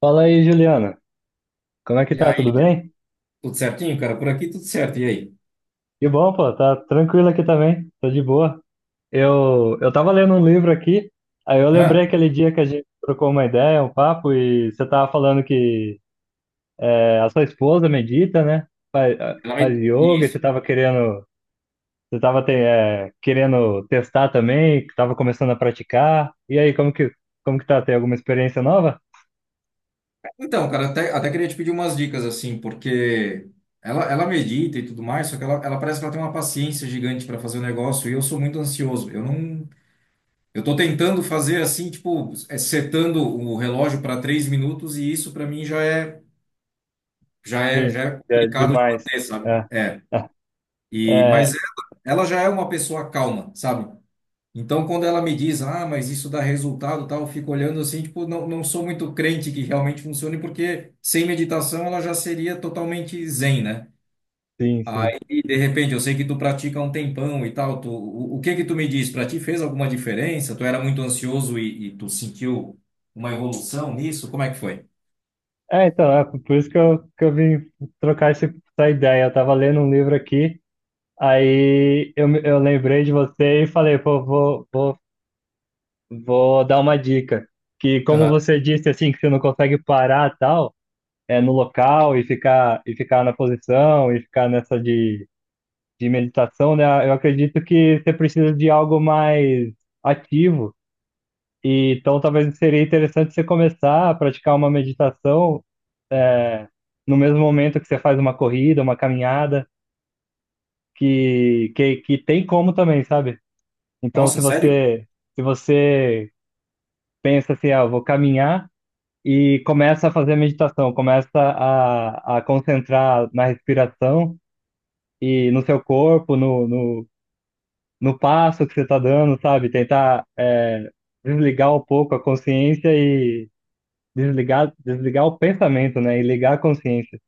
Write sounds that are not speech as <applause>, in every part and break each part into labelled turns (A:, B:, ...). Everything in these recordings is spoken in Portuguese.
A: Fala aí, Juliana. Como é que
B: E
A: tá?
B: aí,
A: Tudo
B: Diego,
A: bem?
B: tudo certinho, cara? Por aqui tudo certo. E aí?
A: Que bom, pô. Tá tranquilo aqui também. Tô de boa. Eu tava lendo um livro aqui, aí eu lembrei
B: Ah.
A: aquele dia que a gente trocou uma ideia, um papo, e você tava falando que é, a sua esposa medita, né? Faz, faz yoga, e você
B: Isso.
A: tava querendo, você tava querendo testar também, que tava começando a praticar. E aí, como que tá? Tem alguma experiência nova?
B: Então, cara, até queria te pedir umas dicas, assim, porque ela medita e tudo mais, só que ela parece que ela tem uma paciência gigante para fazer o negócio e eu sou muito ansioso. Eu não. Eu tô tentando fazer assim, tipo, setando o relógio para 3 minutos e isso para mim já é, já é,
A: Sim,
B: já é
A: é
B: complicado de
A: demais.
B: manter, sabe?
A: É,
B: É.
A: <laughs>
B: E, mas
A: é,
B: ela já é uma pessoa calma, sabe? Então, quando ela me diz, ah, mas isso dá resultado, e tal, eu fico olhando assim, tipo, não sou muito crente que realmente funcione, porque sem meditação ela já seria totalmente zen, né?
A: sim, sim.
B: Aí, de repente, eu sei que tu pratica há um tempão e tal, o que que tu me diz? Pra ti fez alguma diferença? Tu era muito ansioso e tu sentiu uma evolução nisso? Como é que foi?
A: É, então, é por isso que eu vim trocar essa ideia. Eu tava lendo um livro aqui, aí eu lembrei de você e falei, pô, vou dar uma dica. Que como
B: Aham.
A: você disse, assim, que você não consegue parar tal, é no local e ficar na posição e ficar nessa de meditação, né? Eu acredito que você precisa de algo mais ativo. E, então, talvez seria interessante você começar a praticar uma meditação no mesmo momento que você faz uma corrida, uma caminhada, que tem como também, sabe? Então,
B: Nossa, sério?
A: se você pensa assim, ah, eu vou caminhar e começa a fazer meditação, começa a concentrar na respiração e no seu corpo, no passo que você está dando, sabe? Tentar desligar um pouco a consciência e desligar o pensamento, né? E ligar a consciência.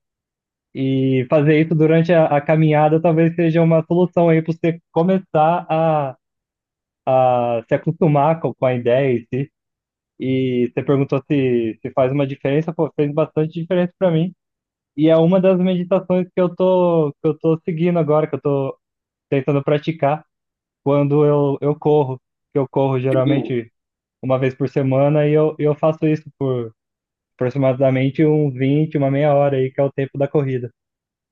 A: E fazer isso durante a caminhada talvez seja uma solução aí para você começar a se acostumar com a ideia em si. E você perguntou se, se faz uma diferença, pô, fez bastante diferença para mim. E é uma das meditações que eu tô seguindo agora, que eu tô tentando praticar quando eu corro. Eu corro
B: Tipo,
A: geralmente uma vez por semana e eu faço isso por aproximadamente uns 20 uma meia hora aí, que é o tempo da corrida.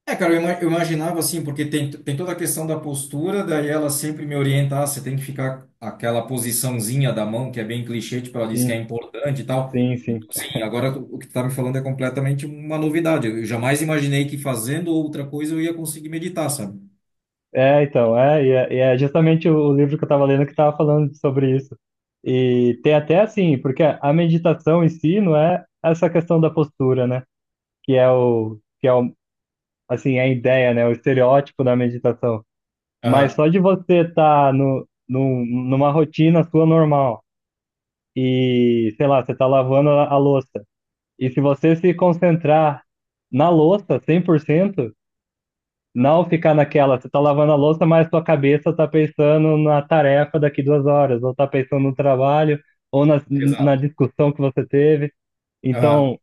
B: é, cara, eu imaginava assim, porque tem toda a questão da postura, daí ela sempre me orienta, ah, você tem que ficar aquela posiçãozinha da mão, que é bem clichê, tipo, ela diz que é
A: Sim,
B: importante e tal.
A: sim,
B: Então,
A: sim.
B: assim, agora o que tu tá me falando é completamente uma novidade. Eu jamais imaginei que fazendo outra coisa eu ia conseguir meditar, sabe?
A: É, então, e é justamente o livro que eu estava lendo que estava falando sobre isso. E tem até assim, porque a meditação em si não é essa questão da postura, né? Que é o, que é o, assim, a ideia, né? O estereótipo da meditação. Mas
B: Aham,
A: só de você estar no, num- numa rotina sua normal e, sei lá, você está lavando a louça. E se você se concentrar na louça 100%. Não ficar naquela, você tá lavando a louça, mas sua cabeça tá pensando na tarefa daqui duas horas, ou tá pensando no trabalho, ou na
B: exato.
A: discussão que você teve.
B: Aham.
A: Então,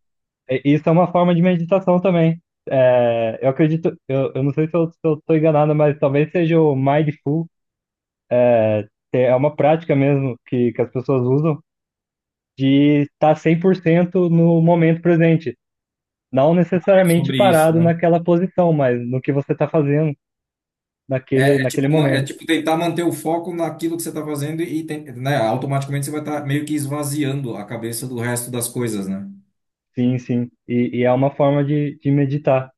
A: isso é uma forma de meditação também. É, eu acredito, eu não sei se eu tô enganado, mas talvez seja o Mindful, que é uma prática mesmo que as pessoas usam, de estar 100% no momento presente. Não
B: É
A: necessariamente
B: sobre isso,
A: parado
B: né?
A: naquela posição, mas no que você está fazendo
B: É, é tipo,
A: naquele
B: é
A: momento.
B: tipo tentar manter o foco naquilo que você tá fazendo e, né, automaticamente você vai estar meio que esvaziando a cabeça do resto das coisas, né?
A: Sim, sim. E é uma forma de meditar.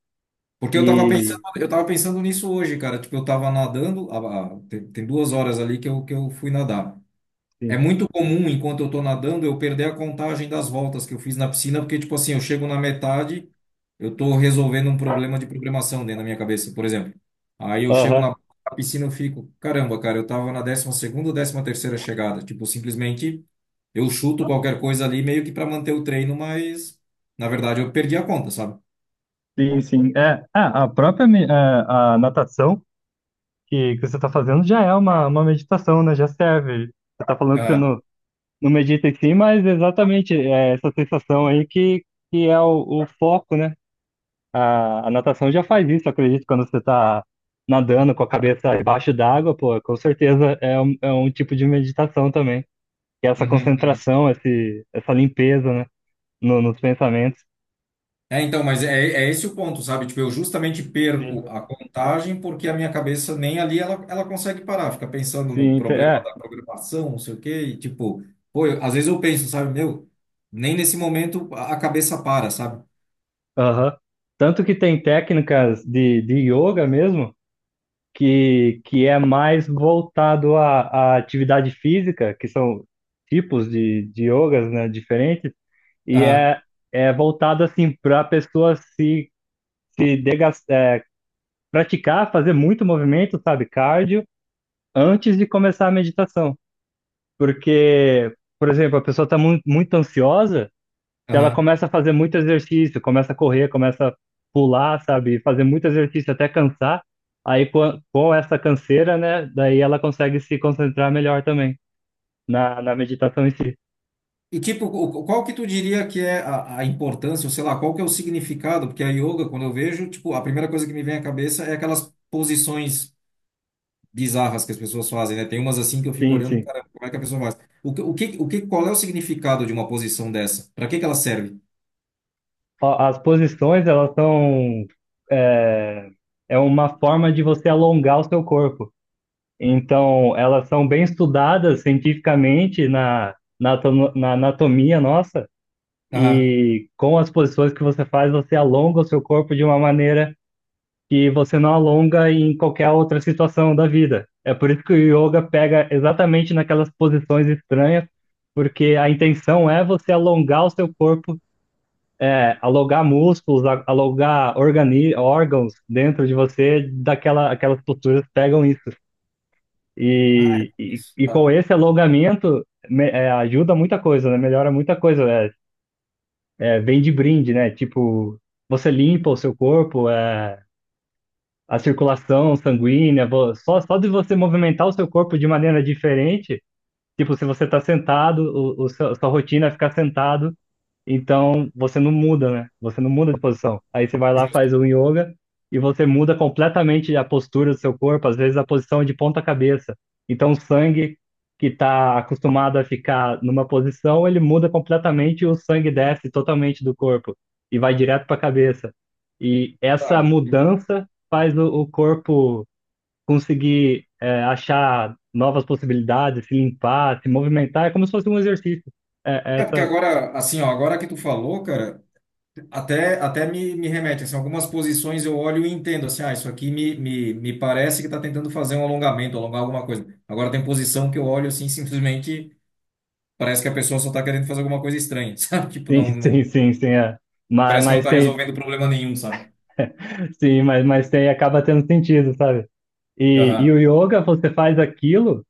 B: Porque eu tava pensando,
A: E
B: eu tava pensando nisso hoje, cara. Tipo, eu tava nadando, tem 2 horas ali que eu fui nadar. É
A: sim.
B: muito comum, enquanto eu tô nadando, eu perder a contagem das voltas que eu fiz na piscina, porque, tipo assim, eu chego na metade, eu tô resolvendo um problema de programação dentro da minha cabeça, por exemplo. Aí eu chego
A: Aham.
B: na piscina, eu fico, caramba, cara, eu tava na 12ª ou 13ª chegada. Tipo, simplesmente eu chuto qualquer coisa ali, meio que para manter o treino, mas, na verdade, eu perdi a conta, sabe?
A: Sim, sim. É, ah, a natação que você está fazendo já é uma meditação, né? Já serve. Você está falando que você
B: Ah.
A: não, não medita em si, mas exatamente é essa sensação aí que é o foco, né? A natação já faz isso, eu acredito, quando você está nadando com a cabeça debaixo d'água, pô, com certeza é um tipo de meditação também. Que é essa
B: Uhum, uhum.
A: concentração, essa limpeza, né? Nos pensamentos.
B: É, então, mas é esse o ponto, sabe? Tipo, eu justamente perco
A: Sim,
B: a contagem porque a minha cabeça nem ali ela consegue parar, fica pensando no
A: sim,
B: problema
A: é.
B: da programação, não sei o quê, e tipo, pô, às vezes eu penso, sabe, meu, nem nesse momento a cabeça para, sabe?
A: Aham. Tanto que tem técnicas de yoga mesmo, que é mais voltado à, à atividade física, que são tipos de yogas, né, diferentes, e
B: Aham,
A: é, é voltado assim para a pessoa se, se degas- é, praticar, fazer muito movimento, sabe, cardio, antes de começar a meditação. Porque, por exemplo, a pessoa está muito ansiosa se ela
B: aham.
A: começa a fazer muito exercício, começa a correr, começa a pular, sabe? Fazer muito exercício até cansar. Aí com essa canseira, né? Daí ela consegue se concentrar melhor também na, na meditação em si.
B: E tipo, qual que tu diria que é a importância, ou sei lá, qual que é o significado? Porque a yoga, quando eu vejo, tipo, a primeira coisa que me vem à cabeça é aquelas posições bizarras que as pessoas fazem, né? Tem umas assim que eu fico
A: Sim,
B: olhando,
A: sim.
B: cara, como é que a pessoa faz? Qual é o significado de uma posição dessa? Para que que ela serve?
A: Ó, as posições, elas são. É, é uma forma de você alongar o seu corpo. Então, elas são bem estudadas cientificamente na anatomia nossa.
B: Aham.
A: E com as posições que você faz, você alonga o seu corpo de uma maneira que você não alonga em qualquer outra situação da vida. É por isso que o yoga pega exatamente naquelas posições estranhas, porque a intenção é você alongar o seu corpo, é, alongar músculos, a- alongar organi órgãos dentro de você, aquelas posturas pegam isso. E com esse alongamento ajuda muita coisa, né? Melhora muita coisa. É, vem de brinde, né? Tipo, você limpa o seu corpo, é, a circulação sanguínea, só de você movimentar o seu corpo de maneira diferente, tipo, se você está sentado, o seu- a sua rotina é ficar sentado, então você não muda, né? Você não muda de posição. Aí você vai lá, faz o yoga e você muda completamente a postura do seu corpo, às vezes a posição de ponta cabeça. Então o sangue que está acostumado a ficar numa posição, ele muda completamente e o sangue desce totalmente do corpo e vai direto para a cabeça. E essa
B: Tá.
A: mudança faz o corpo conseguir achar novas possibilidades, se limpar, se movimentar. É como se fosse um exercício. É,
B: É porque
A: essa...
B: agora, assim, ó, agora que tu falou, cara, até me remete, assim, algumas posições eu olho e entendo, assim, ah, isso aqui me parece que tá tentando fazer um alongamento, alongar alguma coisa. Agora tem posição que eu olho, assim, simplesmente parece que a pessoa só tá querendo fazer alguma coisa estranha, <laughs> sabe? Tipo,
A: Sim,
B: não,
A: <laughs>
B: não,
A: sim, sim, sim, é. Mas,
B: parece que não
A: mas
B: tá
A: tem,
B: resolvendo problema nenhum, sabe?
A: sim, mas tem, acaba tendo sentido, sabe?
B: Aham.
A: E o yoga, você faz aquilo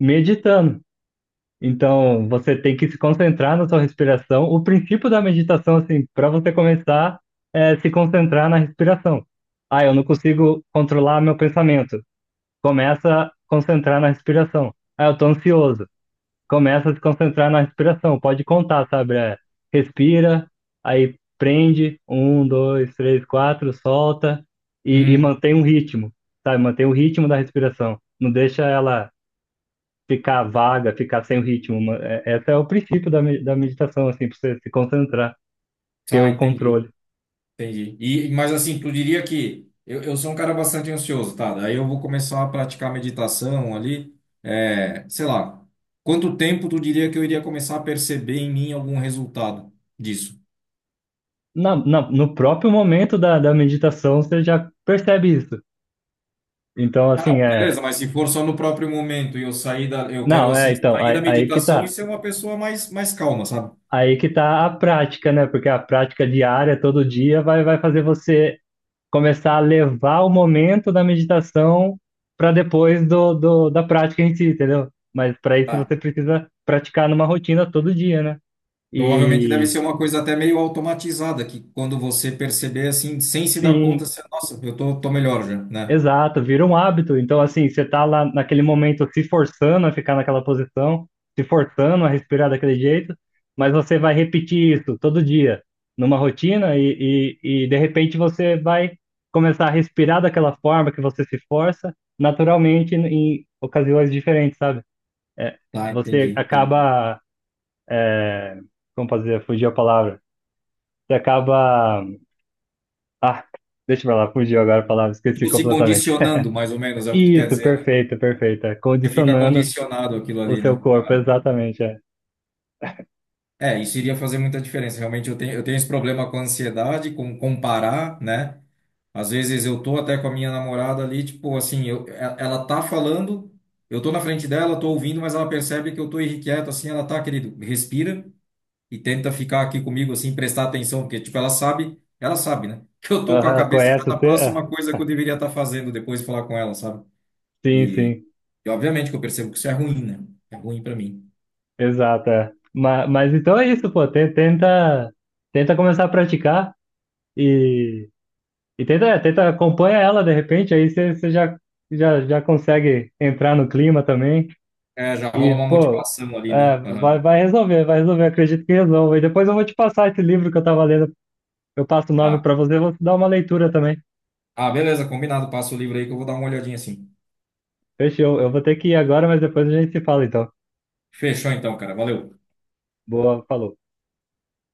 A: meditando. Então, você tem que se concentrar na sua respiração. O princípio da meditação, assim, para você começar, é se concentrar na respiração. Ah, eu não consigo controlar meu pensamento. Começa a concentrar na respiração. Ah, eu tô ansioso. Começa a se concentrar na respiração. Pode contar, sabe? É, respira, aí prende, um, dois, três, quatro, solta e
B: Uhum.
A: mantém um ritmo, sabe? Mantém o ritmo da respiração. Não deixa ela ficar vaga, ficar sem o ritmo. Esse é o princípio da, da meditação, assim, para você se concentrar, ter
B: Tá,
A: o
B: entendi.
A: controle.
B: Entendi. E, mas assim, tu diria que eu sou um cara bastante ansioso, tá? Daí eu vou começar a praticar meditação ali. É, sei lá, quanto tempo tu diria que eu iria começar a perceber em mim algum resultado disso?
A: No próprio momento da, da meditação, você já percebe isso. Então,
B: Ah, não,
A: assim, é.
B: beleza, mas se for só no próprio momento e eu sair da, eu quero
A: Não,
B: assim,
A: é, então,
B: sair da
A: aí que
B: meditação e
A: tá.
B: ser uma pessoa mais, mais calma, sabe?
A: Aí que tá a prática, né? Porque a prática diária, todo dia, vai fazer você começar a levar o momento da meditação para depois da prática em si, entendeu? Mas para isso
B: Tá.
A: você precisa praticar numa rotina todo dia, né?
B: Provavelmente deve
A: E
B: ser uma coisa até meio automatizada, que quando você perceber assim, sem se dar conta,
A: sim,
B: você, nossa, eu tô melhor já, né?
A: exato, vira um hábito. Então, assim, você tá lá naquele momento se forçando a ficar naquela posição, se forçando a respirar daquele jeito, mas você vai repetir isso todo dia, numa rotina, e de repente você vai começar a respirar daquela forma que você se força, naturalmente, em ocasiões diferentes, sabe? É,
B: Tá, entendi,
A: você
B: entendi.
A: acaba. É, como fazer? Fugiu a palavra. Você acaba. Ah, deixa pra lá, fugiu agora a palavra, esqueci
B: Tipo, se
A: completamente.
B: condicionando, mais ou menos, é o que tu quer
A: Isso,
B: dizer, né?
A: perfeito, perfeito. É,
B: Você fica
A: condicionando
B: condicionado aquilo
A: o
B: ali,
A: seu
B: né?
A: corpo, exatamente. É.
B: É, isso iria fazer muita diferença. Realmente, eu tenho esse problema com ansiedade, com comparar, né? Às vezes eu tô até com a minha namorada ali, tipo, assim, ela tá falando, eu tô na frente dela, tô ouvindo, mas ela percebe que eu tô irrequieto, assim, ela tá, querido, respira e tenta ficar aqui comigo, assim, prestar atenção, porque, tipo, ela sabe, né? <laughs> Que eu tô com a
A: Aham,
B: cabeça
A: conhece
B: na
A: você? É.
B: próxima coisa que eu deveria estar fazendo depois de falar com ela, sabe?
A: Sim,
B: e
A: sim,
B: E obviamente que eu percebo que isso é ruim, né? É ruim pra mim.
A: exato. É. Mas então é isso, pô. Tenta, tenta começar a praticar e, e tenta, é, tenta acompanha ela de repente, aí você já, já consegue entrar no clima também.
B: É, já rola
A: E,
B: uma
A: pô,
B: motivação ali,
A: é,
B: né? Aham.
A: vai resolver, vai resolver. Acredito que resolva. E depois eu vou te passar esse livro que eu tava lendo. Eu passo o nome
B: Tá.
A: pra você, vou te dar uma leitura também.
B: Ah, beleza, combinado. Passa o livro aí que eu vou dar uma olhadinha assim.
A: Fechou. Eu vou ter que ir agora, mas depois a gente se fala, então.
B: Fechou então, cara. Valeu.
A: Boa, falou.